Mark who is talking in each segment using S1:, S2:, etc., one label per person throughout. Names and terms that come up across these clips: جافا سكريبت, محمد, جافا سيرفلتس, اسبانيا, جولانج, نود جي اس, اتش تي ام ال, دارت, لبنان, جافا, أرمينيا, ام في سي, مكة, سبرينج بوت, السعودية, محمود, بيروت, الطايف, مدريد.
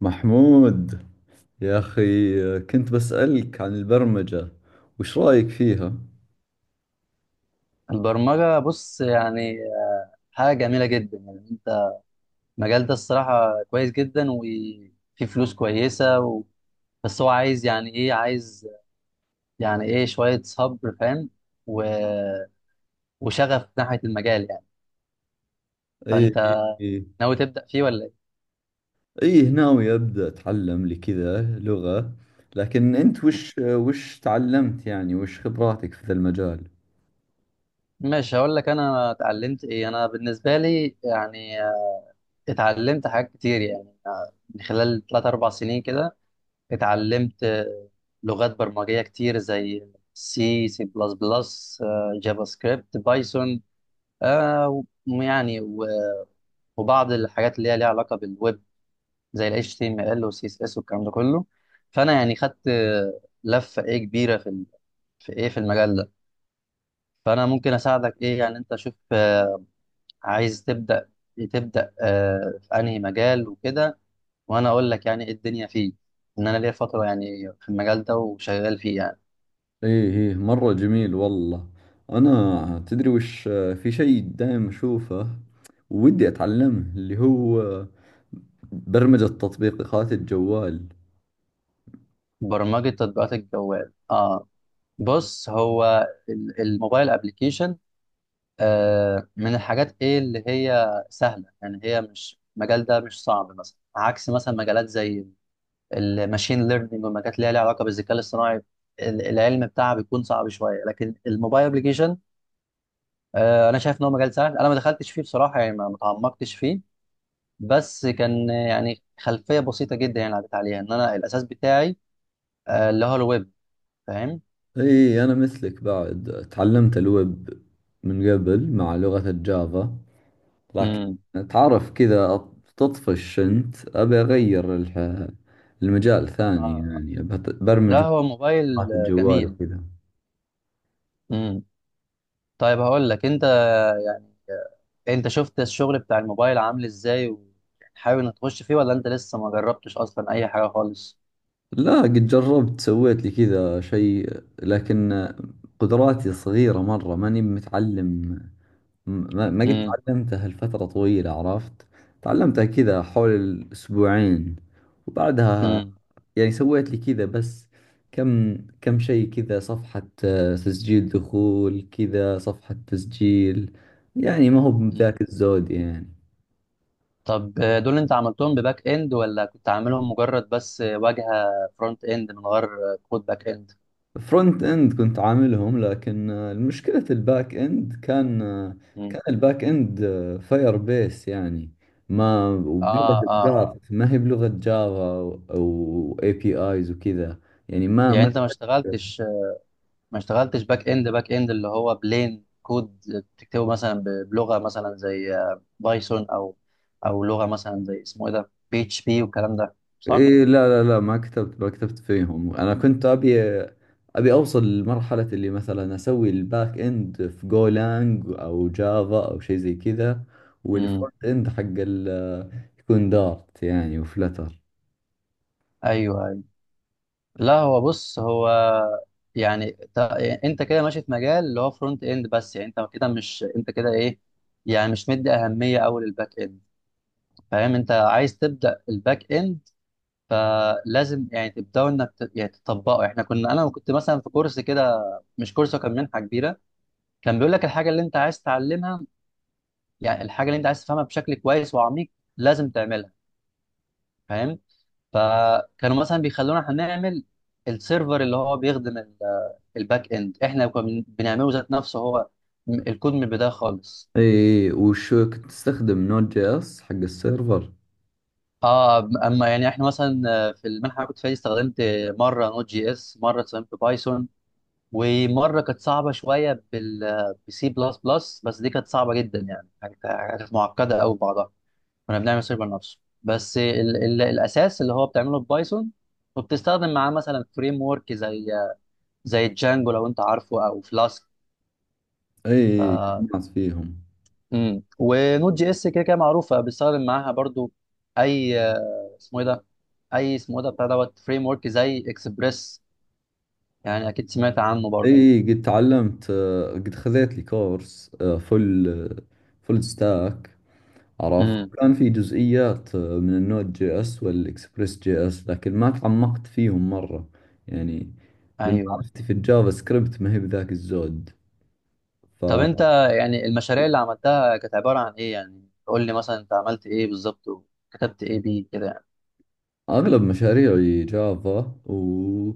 S1: محمود، يا أخي كنت بسألك عن البرمجة، وش رأيك فيها؟
S2: البرمجة، بص يعني حاجة جميلة جدا. يعني انت، المجال ده الصراحة كويس جدا وفيه فلوس كويسة بس هو عايز، يعني ايه، شوية صبر، فاهم؟ و... وشغف ناحية المجال يعني.
S1: إيه إيه
S2: فانت
S1: إيه
S2: ناوي تبدأ فيه ولا ايه؟
S1: ناوي أبدأ أتعلم لي كذا لغة، لكن أنت
S2: مم.
S1: وش تعلمت؟ يعني وش خبراتك في ذا المجال؟
S2: ماشي، هقول لك انا اتعلمت ايه. انا بالنسبة لي يعني اتعلمت حاجات كتير يعني من خلال 3 4 سنين كده. اتعلمت لغات برمجية كتير زي سي سي بلس بلس، جافا سكريبت، بايثون، آه، ويعني و- وبعض الحاجات اللي هي ليها علاقة بالويب زي ال HTML وال CSS والكلام ده كله. فأنا يعني خدت لفة إيه كبيرة في ال- في إيه في المجال ده. فأنا ممكن أساعدك. إيه يعني؟ أنت شوف، عايز تبدأ في أنهي مجال وكده، وأنا أقول لك يعني إيه الدنيا فيه. إن أنا ليا فترة يعني في المجال ده وشغال فيه يعني.
S1: إيه إيه، مرة جميل والله. أنا تدري وش؟ في شيء دائم أشوفه ودي أتعلمه، اللي هو برمجة تطبيقات الجوال.
S2: برمجة تطبيقات الجوال، اه. بص، هو الموبايل ابلكيشن من الحاجات، ايه، اللي هي سهلة. يعني هي مش، المجال ده مش صعب مثلا، عكس مثلا مجالات زي الماشين ليرنينج والمجالات اللي هي ليها علاقة بالذكاء الاصطناعي. العلم بتاعها بيكون صعب شوية. لكن الموبايل ابلكيشن انا شايف ان هو مجال سهل. انا ما دخلتش فيه بصراحة يعني ما تعمقتش فيه. بس كان، يعني خلفية بسيطة جدا يعني عدت عليها ان انا الاساس بتاعي اللي هو الويب. فاهم؟
S1: اي انا مثلك، بعد تعلمت الويب من قبل مع لغة الجافا، لكن
S2: امم،
S1: تعرف كذا تطفش. انت ابي اغير المجال ثاني،
S2: اه،
S1: يعني أبي
S2: لا،
S1: برمج
S2: هو موبايل.
S1: بلغات الجوال
S2: جميل.
S1: وكذا.
S2: امم طيب هقول لك، انت يعني انت شفت الشغل بتاع الموبايل عامل ازاي، وحابب انك تخش فيه ولا انت لسه ما جربتش اصلا اي حاجه خالص؟
S1: لا، قد جربت، سويت لي كذا شيء، لكن قدراتي صغيرة مرة، ماني متعلم. ما قد
S2: امم،
S1: تعلمتها لفترة طويلة، عرفت؟ تعلمتها كذا حول الأسبوعين وبعدها
S2: امم،
S1: يعني سويت لي كذا بس. كم كم شيء، كذا صفحة تسجيل دخول، كذا صفحة تسجيل. يعني ما هو
S2: امم.
S1: بذاك الزود يعني.
S2: طب دول انت عملتهم بباك اند ولا كنت عاملهم مجرد بس واجهه فرونت اند من غير كود باك اند؟
S1: فرونت اند كنت عاملهم، لكن المشكلة الباك اند كان
S2: امم،
S1: كان الباك اند فاير بيس يعني، ما
S2: اه،
S1: وبلغة
S2: اه، اه.
S1: دارت، ما هي بلغة جافا او اي بي ايز وكذا. يعني ما
S2: يعني
S1: ما
S2: انت ما اشتغلتش باك اند، باك اند اللي هو بلين كود بتكتبه مثلا بلغه مثلا زي بايثون، او لغه مثلا زي اسمه ايه ده، بي اتش بي والكلام ده، صح؟
S1: إيه. لا، ما كتبت، ما كتبت فيهم. انا كنت ابي ابي اوصل لمرحلة اللي مثلا اسوي الباك اند في جولانج او جافا او شيء زي كذا،
S2: امم،
S1: والفرونت اند حق ال- يكون دارت يعني، وفلتر.
S2: ايوه، ايوه. لا، هو بص، هو يعني انت كده ماشي في مجال اللي هو فرونت اند بس. يعني انت كده مش، انت كده ايه، يعني مش مدي اهميه قوي للباك اند. فاهم؟ انت عايز تبدا الباك اند. فلازم يعني تبداوا انك يعني تطبقه. احنا كنا انا كنت مثلا في كورس كده. مش كورس، هو كان منحه كبيره. كان بيقول لك الحاجه اللي انت عايز تتعلمها. يعني الحاجه اللي انت عايز تفهمها بشكل كويس وعميق، لازم تعملها. فاهم؟ فكانوا مثلا بيخلونا احنا نعمل السيرفر اللي هو بيخدم الباك اند. احنا كنا بنعمله ذات نفسه هو، الكود من البدايه خالص.
S1: اي، وش كنت تستخدم؟ نود جي اس حق السيرفر؟
S2: اه. اما يعني احنا مثلا، في المنحه اللي كنت فيها دي، استخدمت مره نوت جي اس، مره استخدمت بايثون، ومره كانت صعبه شويه بسي بلس بلس. بس دي كانت صعبه جدا يعني، كانت معقده قوي بعضها. كنا بنعمل سيرفر نفسه. بس ال ال الاساس اللي هو بتعمله ببايثون، وبتستخدم معاه مثلا فريم ورك زي جانجو لو انت عارفه، او فلاسك. ف
S1: اي، ناس فيهم.
S2: ونود جي اس كده كده معروفه بيستخدم معاها برضو. اي، اسمه ايه ده، بتاع دوت فريم ورك زي اكسبريس، يعني اكيد سمعت عنه برضو.
S1: اي، قد تعلمت، قد خذيت لي كورس فل فل ستاك، عرفت؟
S2: امم،
S1: كان في جزئيات من النود جي اس والاكسبريس جي اس، لكن ما تعمقت فيهم مرة يعني. لأن
S2: ايوه.
S1: معرفتي في الجافا سكريبت ما هي بذاك الزود.
S2: طب انت يعني المشاريع اللي عملتها كانت عباره عن ايه؟ يعني قول لي مثلا انت عملت ايه بالظبط وكتبت ايه بيه كده يعني.
S1: فأغلب مشاريعي جافا، و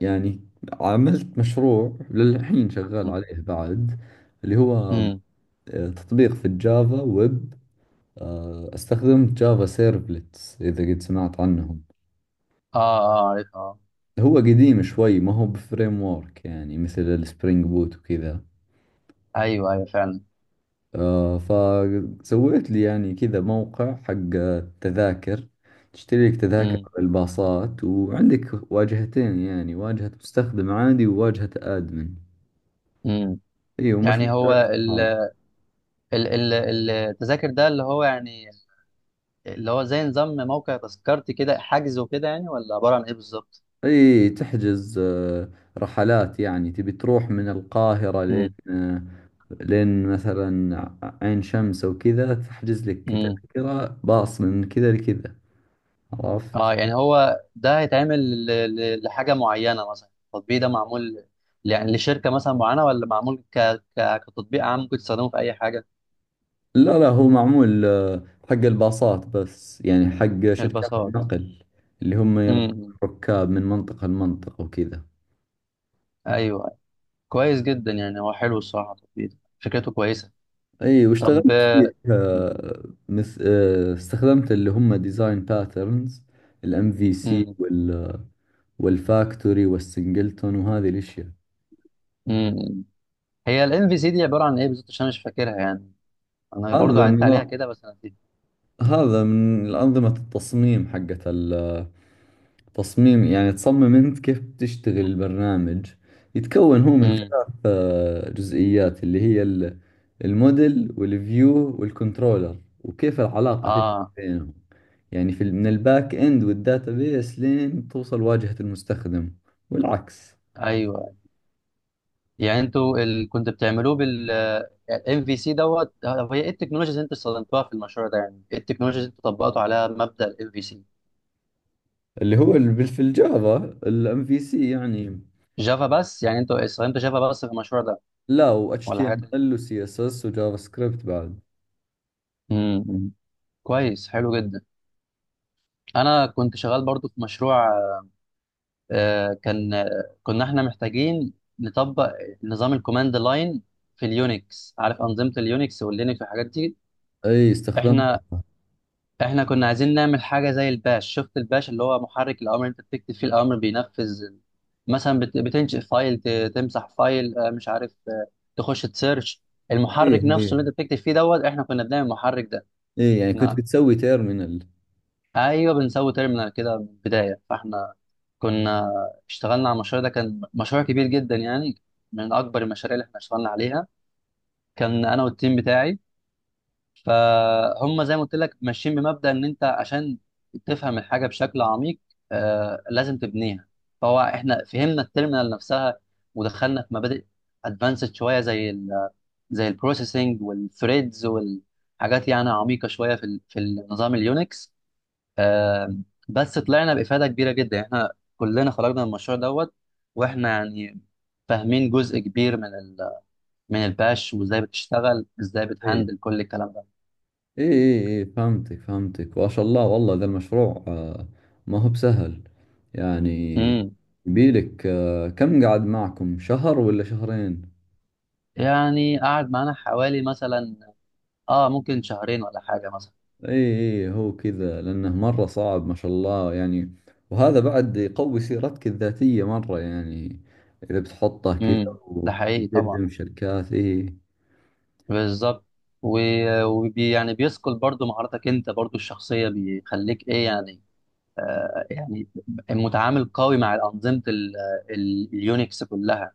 S1: يعني عملت مشروع للحين شغال عليه بعد، اللي هو
S2: امم،
S1: تطبيق في الجافا ويب. استخدمت جافا سيرفلتس، إذا قد سمعت عنهم.
S2: اه، اه، عارف. آه.
S1: هو قديم شوي، ما هو بفريم وورك يعني مثل السبرينج بوت وكذا.
S2: ايوه، ايوه، فعلا.
S1: فسويت لي يعني كذا موقع حق التذاكر، تشتري لك تذاكر
S2: امم،
S1: على الباصات، وعندك واجهتين يعني: واجهة مستخدم عادي وواجهة آدمن.
S2: امم.
S1: اي،
S2: يعني هو
S1: ومشبوكات
S2: ال
S1: بعض.
S2: ال ال التذاكر ده، اللي هو يعني اللي هو زي نظام موقع تذكرتي كده، حجز وكده يعني، ولا عباره عن ايه بالظبط؟
S1: اي، تحجز رحلات يعني، تبي تروح من القاهرة لين
S2: امم،
S1: لين مثلا عين شمس وكذا، تحجز لك
S2: امم،
S1: تذكرة باص من كذا لكذا،
S2: اه.
S1: عرفت؟
S2: يعني هو ده هيتعمل لحاجه معينه، مثلا التطبيق ده معمول يعني لشركه مثلا معينه، ولا معمول ك ك كتطبيق عام ممكن تستخدمه في اي حاجه؟
S1: لا، هو معمول حق الباصات بس، يعني حق شركات
S2: الباصات.
S1: النقل اللي هم ينقلون
S2: امم،
S1: الركاب من منطقة لمنطقة وكذا.
S2: ايوه. كويس جدا يعني، هو حلو الصراحه، التطبيق ده فكرته كويسه.
S1: اي،
S2: طب،
S1: واشتغلت فيه مث... آه، استخدمت اللي هم ديزاين باترنز: الام في سي
S2: امم
S1: والفاكتوري والسنجلتون وهذه الاشياء.
S2: امم هي الام في سي دي عباره عن ايه بالظبط؟ عشان انا مش فاكرها يعني، انا برضو
S1: هذا
S2: عدت عليها
S1: النظام،
S2: كده بس انا نسيت.
S1: هذا من أنظمة التصميم حقت تصميم يعني، تصمم أنت كيف بتشتغل البرنامج. يتكون هو من
S2: امم،
S1: ثلاث جزئيات، اللي هي الموديل والفيو والكنترولر، وكيف العلاقة تبني
S2: اه،
S1: بينهم. يعني في من الباك إند والداتابيس لين توصل واجهة المستخدم والعكس.
S2: ايوه. يعني انتوا كنت بتعملوه بال ام في سي دوت. طب هي ايه التكنولوجيز اللي انتوا استخدمتوها في المشروع ده؟ يعني ايه التكنولوجيز اللي انتوا طبقتوا عليها مبدأ الام في سي؟
S1: اللي هو في الجافا، الام في سي يعني.
S2: جافا بس؟ يعني انتوا استخدمتوا جافا بس في المشروع ده
S1: لا، و اتش تي
S2: ولا
S1: ام
S2: حاجات تانية؟
S1: ال وسي اس اس وجافا سكريبت بعد.
S2: امم. كويس، حلو جدا. انا كنت شغال برضو في مشروع، آه، كان آه، كنا احنا محتاجين نطبق نظام الكوماند لاين في اليونكس، عارف أنظمة اليونكس واللينكس والحاجات دي؟
S1: اي،
S2: احنا
S1: استخدمتها.
S2: احنا كنا عايزين نعمل حاجة زي الباش. شفت الباش؟ اللي هو محرك الأمر، انت بتكتب فيه الأمر بينفذ، مثلا بتنشئ فايل، تمسح فايل، مش عارف، تخش تسيرش. المحرك
S1: ايه
S2: نفسه
S1: ايه
S2: اللي انت بتكتب فيه دوت، احنا كنا بنعمل المحرك ده.
S1: ايه يعني كنت بتسوي تيرمينال؟
S2: ايوه، بنسوي تيرمينال كده من البدايه. فاحنا كنا اشتغلنا على المشروع ده، كان مشروع كبير جدا يعني، من اكبر المشاريع اللي احنا اشتغلنا عليها. كان انا والتيم بتاعي، فهم زي ما قلت لك ماشيين بمبدأ ان انت عشان تفهم الحاجه بشكل عميق لازم تبنيها. فهو احنا فهمنا التيرمينال نفسها، ودخلنا في مبادئ ادفانسد شويه زي البروسيسنج والثريدز والحاجات، يعني عميقه شويه في النظام اليونكس. آم، بس طلعنا بإفادة كبيرة جدا يعني، احنا كلنا خرجنا من المشروع دوت. واحنا يعني فاهمين جزء كبير من ال من الباش وازاي بتشتغل، ازاي بتهندل كل الكلام ده.
S1: اي، فهمتك، فهمتك. وما شاء الله، والله ذا المشروع ما هو بسهل يعني.
S2: امم.
S1: يبيلك كم قعد معكم، شهر ولا شهرين؟
S2: يعني قعد معانا حوالي، مثلا، اه ممكن شهرين ولا حاجة مثلا.
S1: اي اي، هو كذا، لانه مرة صعب ما شاء الله يعني. وهذا بعد يقوي سيرتك الذاتية مرة يعني، اذا بتحطه كذا
S2: امم، ده حقيقي طبعا.
S1: وتقدم شركات. اي،
S2: بالظبط. و- وبي يعني بيثقل برضو مهاراتك انت برضو الشخصية، بيخليك ايه يعني يعني متعامل قوي مع أنظمة اليونكس كلها.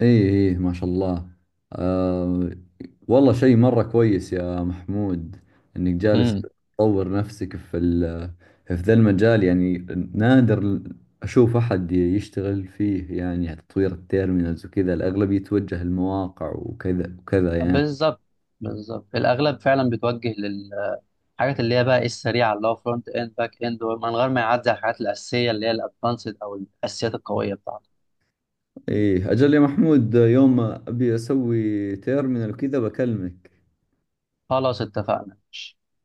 S1: ايه ايه، ما شاء الله. آه، والله شيء مرة كويس يا محمود، انك جالس تطور نفسك في في ذا المجال يعني. نادر اشوف احد يشتغل فيه، يعني تطوير التيرمينالز وكذا. الاغلب يتوجه المواقع وكذا وكذا يعني.
S2: بالظبط، بالظبط. الاغلب فعلا بيتوجه للحاجات اللي هي بقى ايه السريعه اللي هو فرونت اند، باك اند، من غير ما يعدي على الحاجات الاساسيه اللي هي الادفانسد او الاساسيات القويه بتاعته.
S1: ايه، اجل يا محمود، يوم ابي اسوي تيرمينال وكذا بكلمك.
S2: خلاص، اتفقنا.